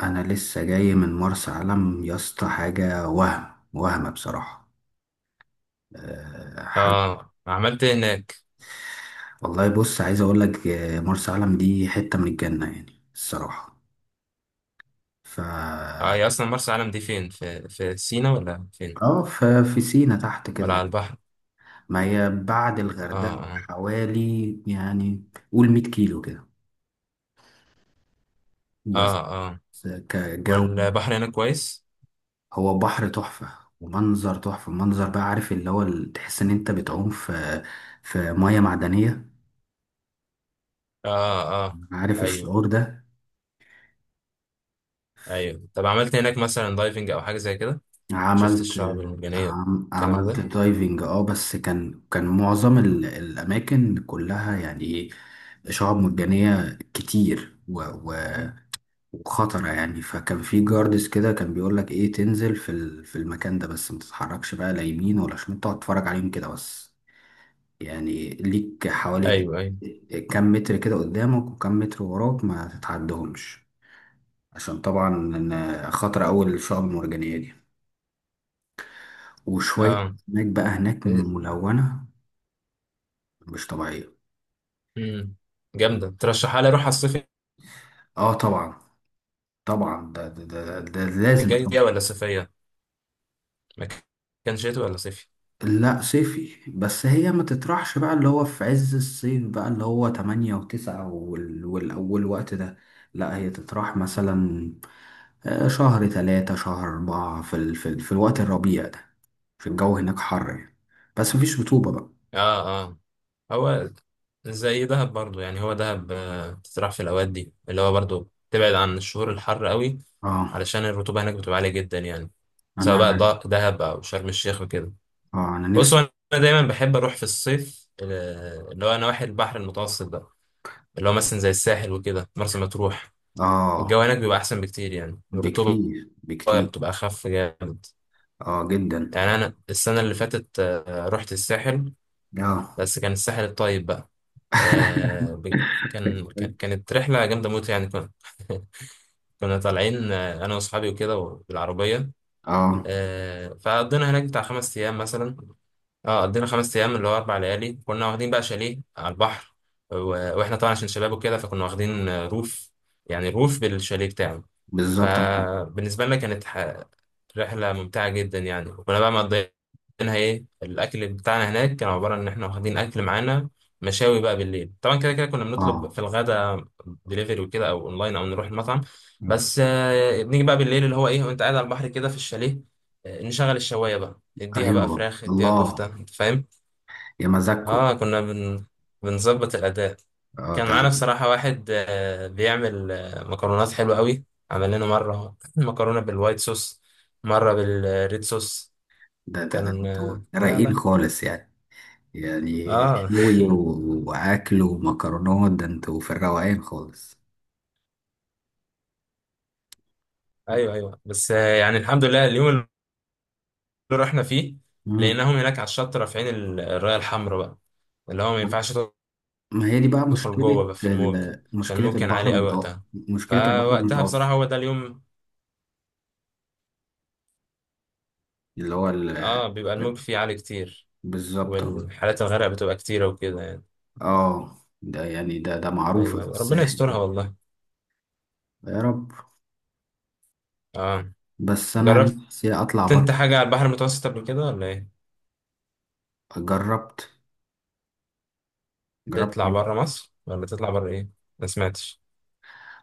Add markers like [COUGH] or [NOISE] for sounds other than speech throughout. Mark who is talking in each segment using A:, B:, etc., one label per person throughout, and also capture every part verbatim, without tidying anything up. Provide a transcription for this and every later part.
A: انا لسه جاي من مرسى علم يا اسطى، حاجه وهم وهم بصراحه. أه، حاجه.
B: اه، عملت إيه هناك؟
A: والله بص، عايز اقول لك آه، مرسى علم دي حته من الجنه يعني الصراحه. ف
B: اه، هي اصلا مرسى علم دي فين؟ في في سينا ولا فين،
A: اه ف- في سينا تحت
B: ولا على
A: كده.
B: البحر؟
A: ما هي بعد
B: اه.
A: الغردقه
B: اه.
A: حوالي يعني، قول 100 كيلو كده بس.
B: اه. اه.
A: كجو.
B: والبحر هناك كويس؟
A: هو بحر تحفه ومنظر تحفه، منظر بقى، عارف اللي هو ال- تحس ان انت بتعوم في في ميه معدنيه.
B: اه، اه.
A: عارف
B: ايوه،
A: الشعور ده.
B: ايوه. طب عملت إيه هناك مثلا، دايفنج او حاجه زي كده؟ شفت
A: عملت.
B: الشعب المرجانيه،
A: عم
B: الكلام
A: عملت
B: ده؟
A: دايفنج، اه، بس كان كان معظم ال- الاماكن كلها يعني ايه، شعاب مرجانيه كتير و- و- وخطره يعني. فكان في جاردس كده، كان بيقول لك ايه، تنزل في ال- في المكان ده بس ما تتحركش بقى لا يمين ولا شمال، تقعد تتفرج عليهم كده بس. يعني ليك حوالي
B: ايوه، ايوه،
A: كام متر كده قدامك، وكام متر وراك ما تتعدهمش، عشان طبعا إن خطر، اول الشعاب المرجانيه دي، وشوية
B: اه.
A: أسماك بقى هناك
B: إيه؟
A: ملونة مش طبيعية.
B: مم. جامده، ترشحها لي اروح على الصيف
A: اه طبعا، طبعا ده ده ده, ده لازم
B: الجاي؟ دي
A: طبعا.
B: ولا صيفيه؟ مكان شتوي ولا صيفي؟
A: لا صيفي، بس هي ما تطرحش بقى اللي هو في عز الصيف، بقى اللي هو تمانية وتسعة وال- والأول، وقت ده. لا هي تطرح مثلا آه، شهر تلاتة شهر أربعة في, ال... في, ال... في الوقت الربيع ده. في الجو هناك حر يعني، بس مفيش رطوبة بقى.
B: اه، اه. هو زي دهب برضو، يعني هو دهب آه، بتتراح في الأوقات دي، اللي هو برضو تبعد عن الشهور الحر قوي،
A: اه،
B: علشان الرطوبة هناك بتبقى عالية جدا يعني، سواء
A: أنا.
B: بقى ده- دهب أو شرم الشيخ وكده.
A: اه، أنا
B: بص، هو
A: نفسي.
B: أنا دايما بحب أروح في الصيف آه، اللي هو نواحي البحر المتوسط ده، اللي هو مثلا زي الساحل وكده، مرسى مطروح. الجو
A: اه.
B: هناك بيبقى أحسن بكتير، يعني الرطوبة
A: بكتير بكتير.
B: بتبقى أخف جامد.
A: اه جدا.
B: يعني أنا السنة اللي فاتت آه، رحت الساحل،
A: اه.
B: بس كان الساحل الطيب بقى. آه
A: [LAUGHS]
B: ب- كان كان- كانت رحلة جامدة موت يعني. كنا [LAUGHS] كنا طالعين آه، أنا وأصحابي وكده، بالعربية.
A: اه.
B: آه فقضينا هناك بتاع خمس أيام مثلا. اه، قضينا خمس أيام، اللي هو أربع ليالي. كنا واخدين بقى شاليه على البحر، و- وإحنا طبعا عشان شباب وكده، فكنا واخدين آه، روف، يعني روف بالشاليه بتاعه.
A: بالظبط.
B: فبالنسبة لنا كانت ح- رحلة ممتعة جدا يعني، وكنا بقى مقضيينها. ايه الأكل بتاعنا هناك، كان عبارة إن احنا واخدين أكل معانا، مشاوي بقى بالليل. طبعا كده كده كنا بنطلب
A: اه.
B: في الغدا دليفري وكده، أو أونلاين، أو نروح المطعم.
A: م.
B: بس آه، بنيجي بقى بالليل اللي هو ايه، وأنت قاعد على البحر كده في الشاليه، آه، نشغل الشواية بقى، اديها بقى
A: ايوه،
B: فراخ، اديها كفتة،
A: الله
B: انت فاهم.
A: يا مزاجكم.
B: اه، كنا بن... بنظبط الأداء.
A: اه
B: كان
A: ده ده
B: معانا بصراحة واحد آه، بيعمل آه، مكرونات حلوة قوي. عمل لنا مرة [LAUGHS] مكرونة بالوايت صوص، مرة بالريد صوص.
A: ده ده, ده
B: كان
A: انتوا
B: آه، لا،
A: رايقين
B: لا.
A: خالص يعني. يعني
B: اه
A: شوي و- واكل ومكرونات، ده انتوا في الروقان خالص.
B: [LAUGHS] ايوه، ايوه، بس آه، يعني الحمد لله اليوم اللي رحنا فيه
A: مم.
B: لقيناهم هناك على الشط رافعين ال- الراية الحمراء بقى، اللي هو ما ينفعش
A: ما هي دي بقى
B: تدخل
A: مشكلة
B: جوه بقى في الموج،
A: ال-
B: عشان
A: مشكلة
B: الموج كان
A: البحر
B: عالي قوي
A: المتوسط،
B: وقتها.
A: مشكلة البحر
B: فوقتها بصراحة،
A: المتوسط
B: هو ده اليوم.
A: اللي هو ال...
B: اه، بيبقى الموج فيه عالي كتير،
A: بالظبط.
B: والحالات الغرق بتبقى كتيرة وكده يعني.
A: اه، ده يعني ده ده معروف
B: أيوة،
A: في
B: أيوة. ربنا
A: الساحل
B: يسترها
A: كده.
B: والله.
A: يا رب.
B: آه.
A: بس انا
B: جربت
A: نفسي اطلع
B: أنت
A: بره.
B: حاجة على البحر المتوسط قبل كده ولا إيه؟
A: جربت. جربت
B: تطلع
A: حاجة.
B: برا مصر، ولا تطلع برا إيه؟ ما سمعتش.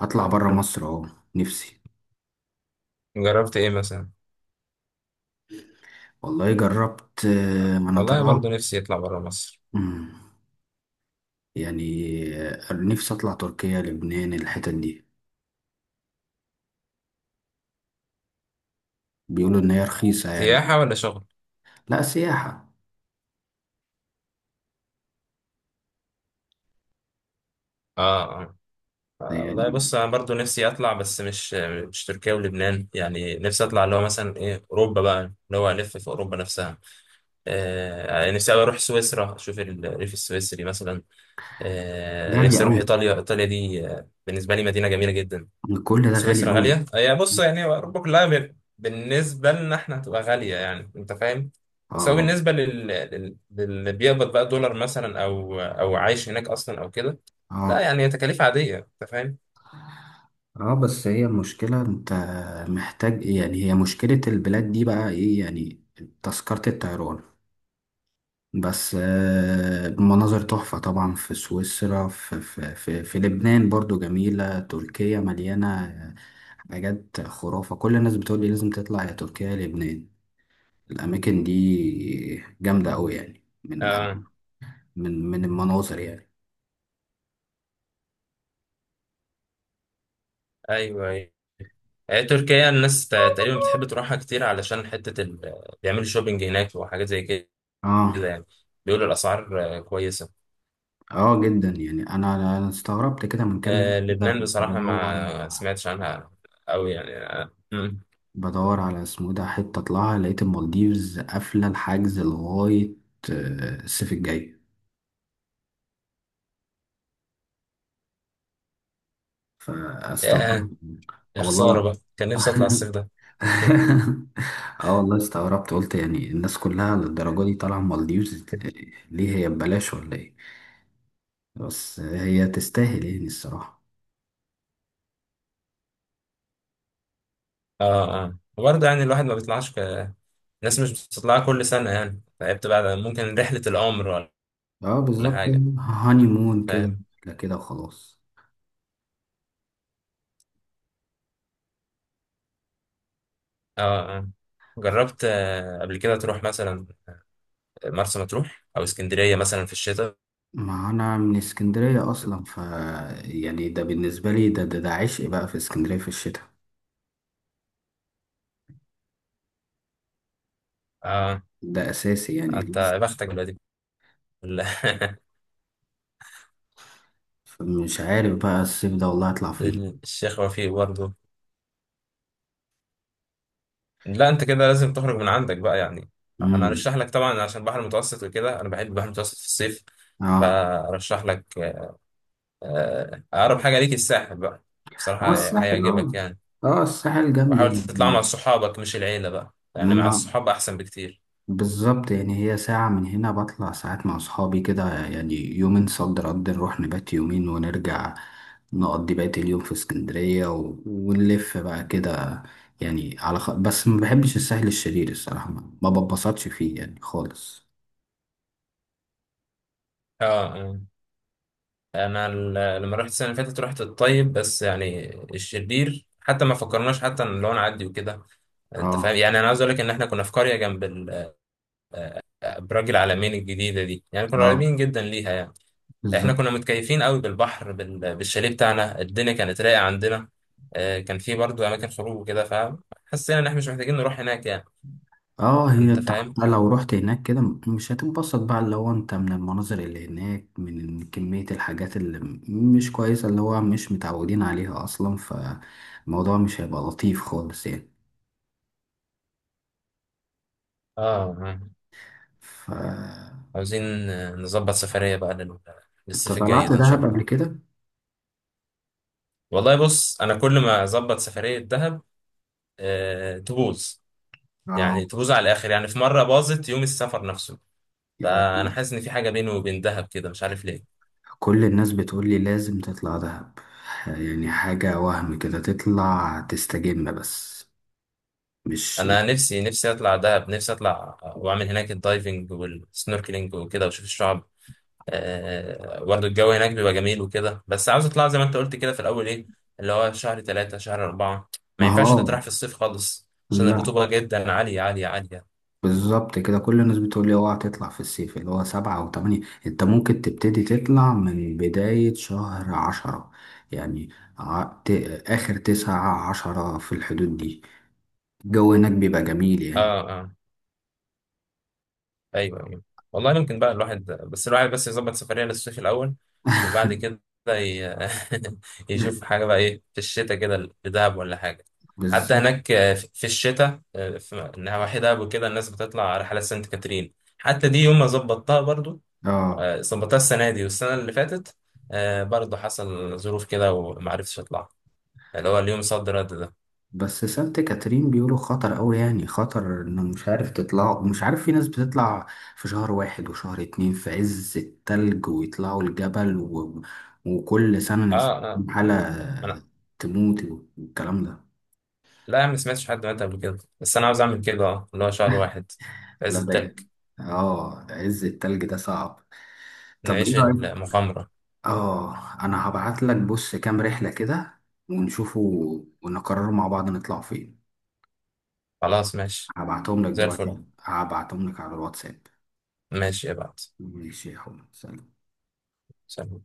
A: اطلع بره مصر اهو، نفسي.
B: جربت إيه مثلا؟
A: والله جربت، آه، ما انا
B: والله برضو
A: طالعه.
B: نفسي أطلع برا مصر.
A: مم. يعني آه، نفسي اطلع تركيا لبنان، الحتت دي بيقولوا ان هي رخيصه يعني.
B: سياحة ولا شغل؟
A: لا سياحه
B: آه، آه. آه، والله
A: يعني.
B: بص، أنا برضو نفسي أطلع، بس مش مش تركيا ولبنان. يعني نفسي أطلع اللي هو مثلا إيه، أوروبا بقى، اللي هو ألف في أوروبا نفسها. آه، يعني نفسي أوي أروح سويسرا، أشوف الريف السويسري مثلا. آه،
A: غاليه
B: نفسي اروح
A: قوي،
B: ايطاليا. ايطاليا دي آه، بالنسبه لي مدينه جميله جدا.
A: كل ده غالي
B: سويسرا
A: قوي.
B: غاليه. هي بص، يعني اوروبا كلها ب- بالنسبه لنا احنا هتبقى غاليه، يعني انت فاهم. بس هو
A: اه،
B: بالنسبه لل... لل... للي بيقبض بقى دولار مثلا، او او عايش هناك اصلا او كده، لا،
A: اه،
B: يعني هي تكاليف عاديه، انت فاهم.
A: اه، بس هي المشكله، انت محتاج يعني، هي مشكله البلاد دي بقى ايه يعني، تذكره الطيران. بس آه، مناظر تحفة طبعا في سويسرا، في, في, في, في لبنان برضو جميلة، تركيا مليانة آه، حاجات خرافة. كل الناس بتقول لي لازم تطلع يا تركيا يا لبنان، الأماكن دي جامدة أوي يعني من،
B: اه،
A: من من المناظر يعني.
B: ايوه، ايوه. آه، تركيا، الناس ت- تقريبا بتحب تروحها كتير، علشان حته ال... بيعملوا شوبينج هناك وحاجات زي كده
A: اه،
B: يعني. بيقولوا الاسعار آه، كويسه.
A: اه جدا يعني. أنا أنا استغربت كده من كام يوم
B: آه
A: كده،
B: لبنان
A: كنت
B: بصراحة
A: بدور.
B: ما سمعتش عنها أوي يعني. آه. مم.
A: بدور على اسمه إيه ده حتة أطلعها، لقيت المالديفز قافلة الحجز لغاية آه، الصيف الجاي،
B: ياه،
A: فاستغربت. آه
B: يا
A: والله
B: خسارة
A: لا.
B: بقى، كان نفسي أطلع
A: [LAUGHS]
B: الصيف ده.
A: اه والله استغربت، قلت يعني الناس كلها للدرجة دي طالعة مالديفز، ليه هي ببلاش ولا ايه؟ بس هي تستاهل يعني الصراحة.
B: اه، اه، وبرضه يعني الواحد ما بيطلعش ك... الناس مش بتطلع كل سنة، يعني فهي بتبقى ممكن رحلة العمر
A: اه
B: ولا
A: بالظبط.
B: حاجة،
A: هاني مون كده.
B: فاهم.
A: لا كده وخلاص.
B: اه، اه. جربت آه، قبل كده تروح مثلا مرسى مطروح أو اسكندرية مثلا في الشتاء؟
A: ما انا من اسكندرية اصلا، ف يعني ده بالنسبة لي ده ده, ده عشق بقى في اسكندرية في الشتاء،
B: اه،
A: ده اساسي يعني.
B: انت يا بختك دلوقتي. [LAUGHS]
A: فمش عارف بقى الصيف ده والله هطلع فين.
B: ال- الشيخ وفيق برضه. لا، انت كده لازم تخرج من عندك بقى يعني. انا
A: امم
B: هرشح لك طبعا، عشان البحر المتوسط وكده، انا بحب البحر المتوسط في الصيف.
A: اه،
B: فارشح لك آه، اقرب حاجه ليك الساحل بقى،
A: هو
B: بصراحه
A: الساحل اه،
B: هيعجبك يعني.
A: اه الساحل
B: وحاول
A: جنبي
B: تطلع مع
A: يعني.
B: صحابك، مش العيله بقى، يعني مع
A: ما
B: الصحاب احسن بكتير.
A: بالظبط يعني، هي ساعة من هنا، بطلع ساعات مع أصحابي كده يعني، يومين صد رد، نروح نبات يومين ونرجع، نقضي بقية اليوم في اسكندرية و... ونلف بقى كده يعني على خ... بس ما بحبش الساحل الشرير الصراحة، ما ما ببسطش فيه يعني خالص.
B: اه. آه. انا ال- لما رحت السنه اللي فاتت، رحت الطيب بس، يعني الشرير حتى ما فكرناش حتى ان لو نعدي وكده. انت فاهم
A: اه،
B: يعني، انا عايز اقول لك ان احنا كنا في قريه جنب ال- آه، برج العلمين الجديده دي، يعني كنا
A: اه
B: قريبين جدا ليها يعني. احنا
A: بالظبط.
B: كنا متكيفين قوي بالبحر بال- بالشاليه بتاعنا، الدنيا كانت رايقه عندنا. آه، كان في برضو اماكن خروج وكده، فحسينا ان احنا مش محتاجين نروح هناك يعني،
A: اه هي
B: انت فاهم.
A: حتى لو رحت هناك كده، م- مش هتنبسط بقى اللي هو انت من المناظر اللي هناك، من كمية الحاجات اللي م- مش كويسة، اللي هو مش متعودين عليها اصلا، فالموضوع مش هيبقى لطيف خالص يعني.
B: اه. آه.
A: ف
B: عاوزين آه، نظبط سفريه بقى لل-
A: انت
B: للصيف الجاي
A: طلعت
B: ده ان شاء
A: دهب قبل
B: الله.
A: كده؟
B: والله بص، انا كل ما اظبط سفريه دهب آه، تبوظ.
A: اه،
B: يعني تبوظ على الاخر، يعني في مره باظت يوم السفر نفسه.
A: يعني
B: فانا حاسس ان في حاجه بيني وبين دهب كده، مش عارف ليه.
A: كل الناس بتقول لي لازم تطلع دهب يعني، حاجة وهم كده تطلع تستجم بس، مش.
B: انا نفسي، نفسي اطلع دهب، نفسي اطلع واعمل هناك الدايفنج والسنوركلينج وكده، واشوف الشعب. آه، برضه الجو هناك بيبقى جميل وكده. بس عاوز اطلع زي ما انت قلت كده في الاول، ايه اللي هو شهر ثلاثة شهر أربعة. ما
A: ما هو
B: ينفعش تطرح
A: آه،
B: في الصيف خالص، عشان
A: لا.
B: الرطوبة جدا عالية عالية عالية.
A: بالظبط كده، كل الناس بتقول لي اوعى تطلع في الصيف اللي هو سبعة أو تمانية، أنت ممكن تبتدي تطلع من بداية شهر عشرة يعني. ع- ت- آخر تسعة عشرة في الحدود دي، الجو هناك بيبقى جميل يعني.
B: اه، اه. ايوه، ايوه. والله ممكن بقى الواحد بس، الواحد بس يظبط سفريه للصيف الاول، وبعد كده ي... [LAUGHS] يشوف
A: [LAUGHS]
B: حاجه بقى ايه، في الشتاء كده لدهب ولا حاجه. حتى
A: بالظبط.
B: هناك آه، في في الشتاء، آه، في نواحي دهب وكده، الناس بتطلع رحلات سانت كاترين. حتى دي يوم ما ظبطتها برضو،
A: اه
B: آه، ظبطتها السنه دي والسنه اللي فاتت. آه، برضو حصل ظروف كده وما عرفتش اطلع، اللي هو اليوم صد رد ده.
A: بس سانت كاترين بيقولوا خطر قوي يعني، خطر انه مش عارف تطلع، مش عارف، في ناس بتطلع في شهر واحد وشهر اتنين في عز التلج ويطلعوا الجبل و... وكل سنة ناس
B: اه، اه. انا
A: حالة تموت والكلام ده.
B: لا يا عم، ما سمعتش حد مات قبل كده. بس انا عاوز اعمل كده، اه اللي هو شهر واحد في
A: لا
B: عز التلج،
A: ده، اه عز التلج ده صعب. طب ايه
B: نعيش
A: رأيك؟
B: المغامرة.
A: اه، انا هبعت لك بص كام رحلة كده، ونشوفوا ونقرروا مع بعض نطلع فين.
B: خلاص، ماشي.
A: هبعتهم لك
B: زي الفل.
A: دلوقتي، هبعتهم لك على الواتساب.
B: ماشي، ابعت.
A: ماشي يا حبيبي، سلام.
B: سلام.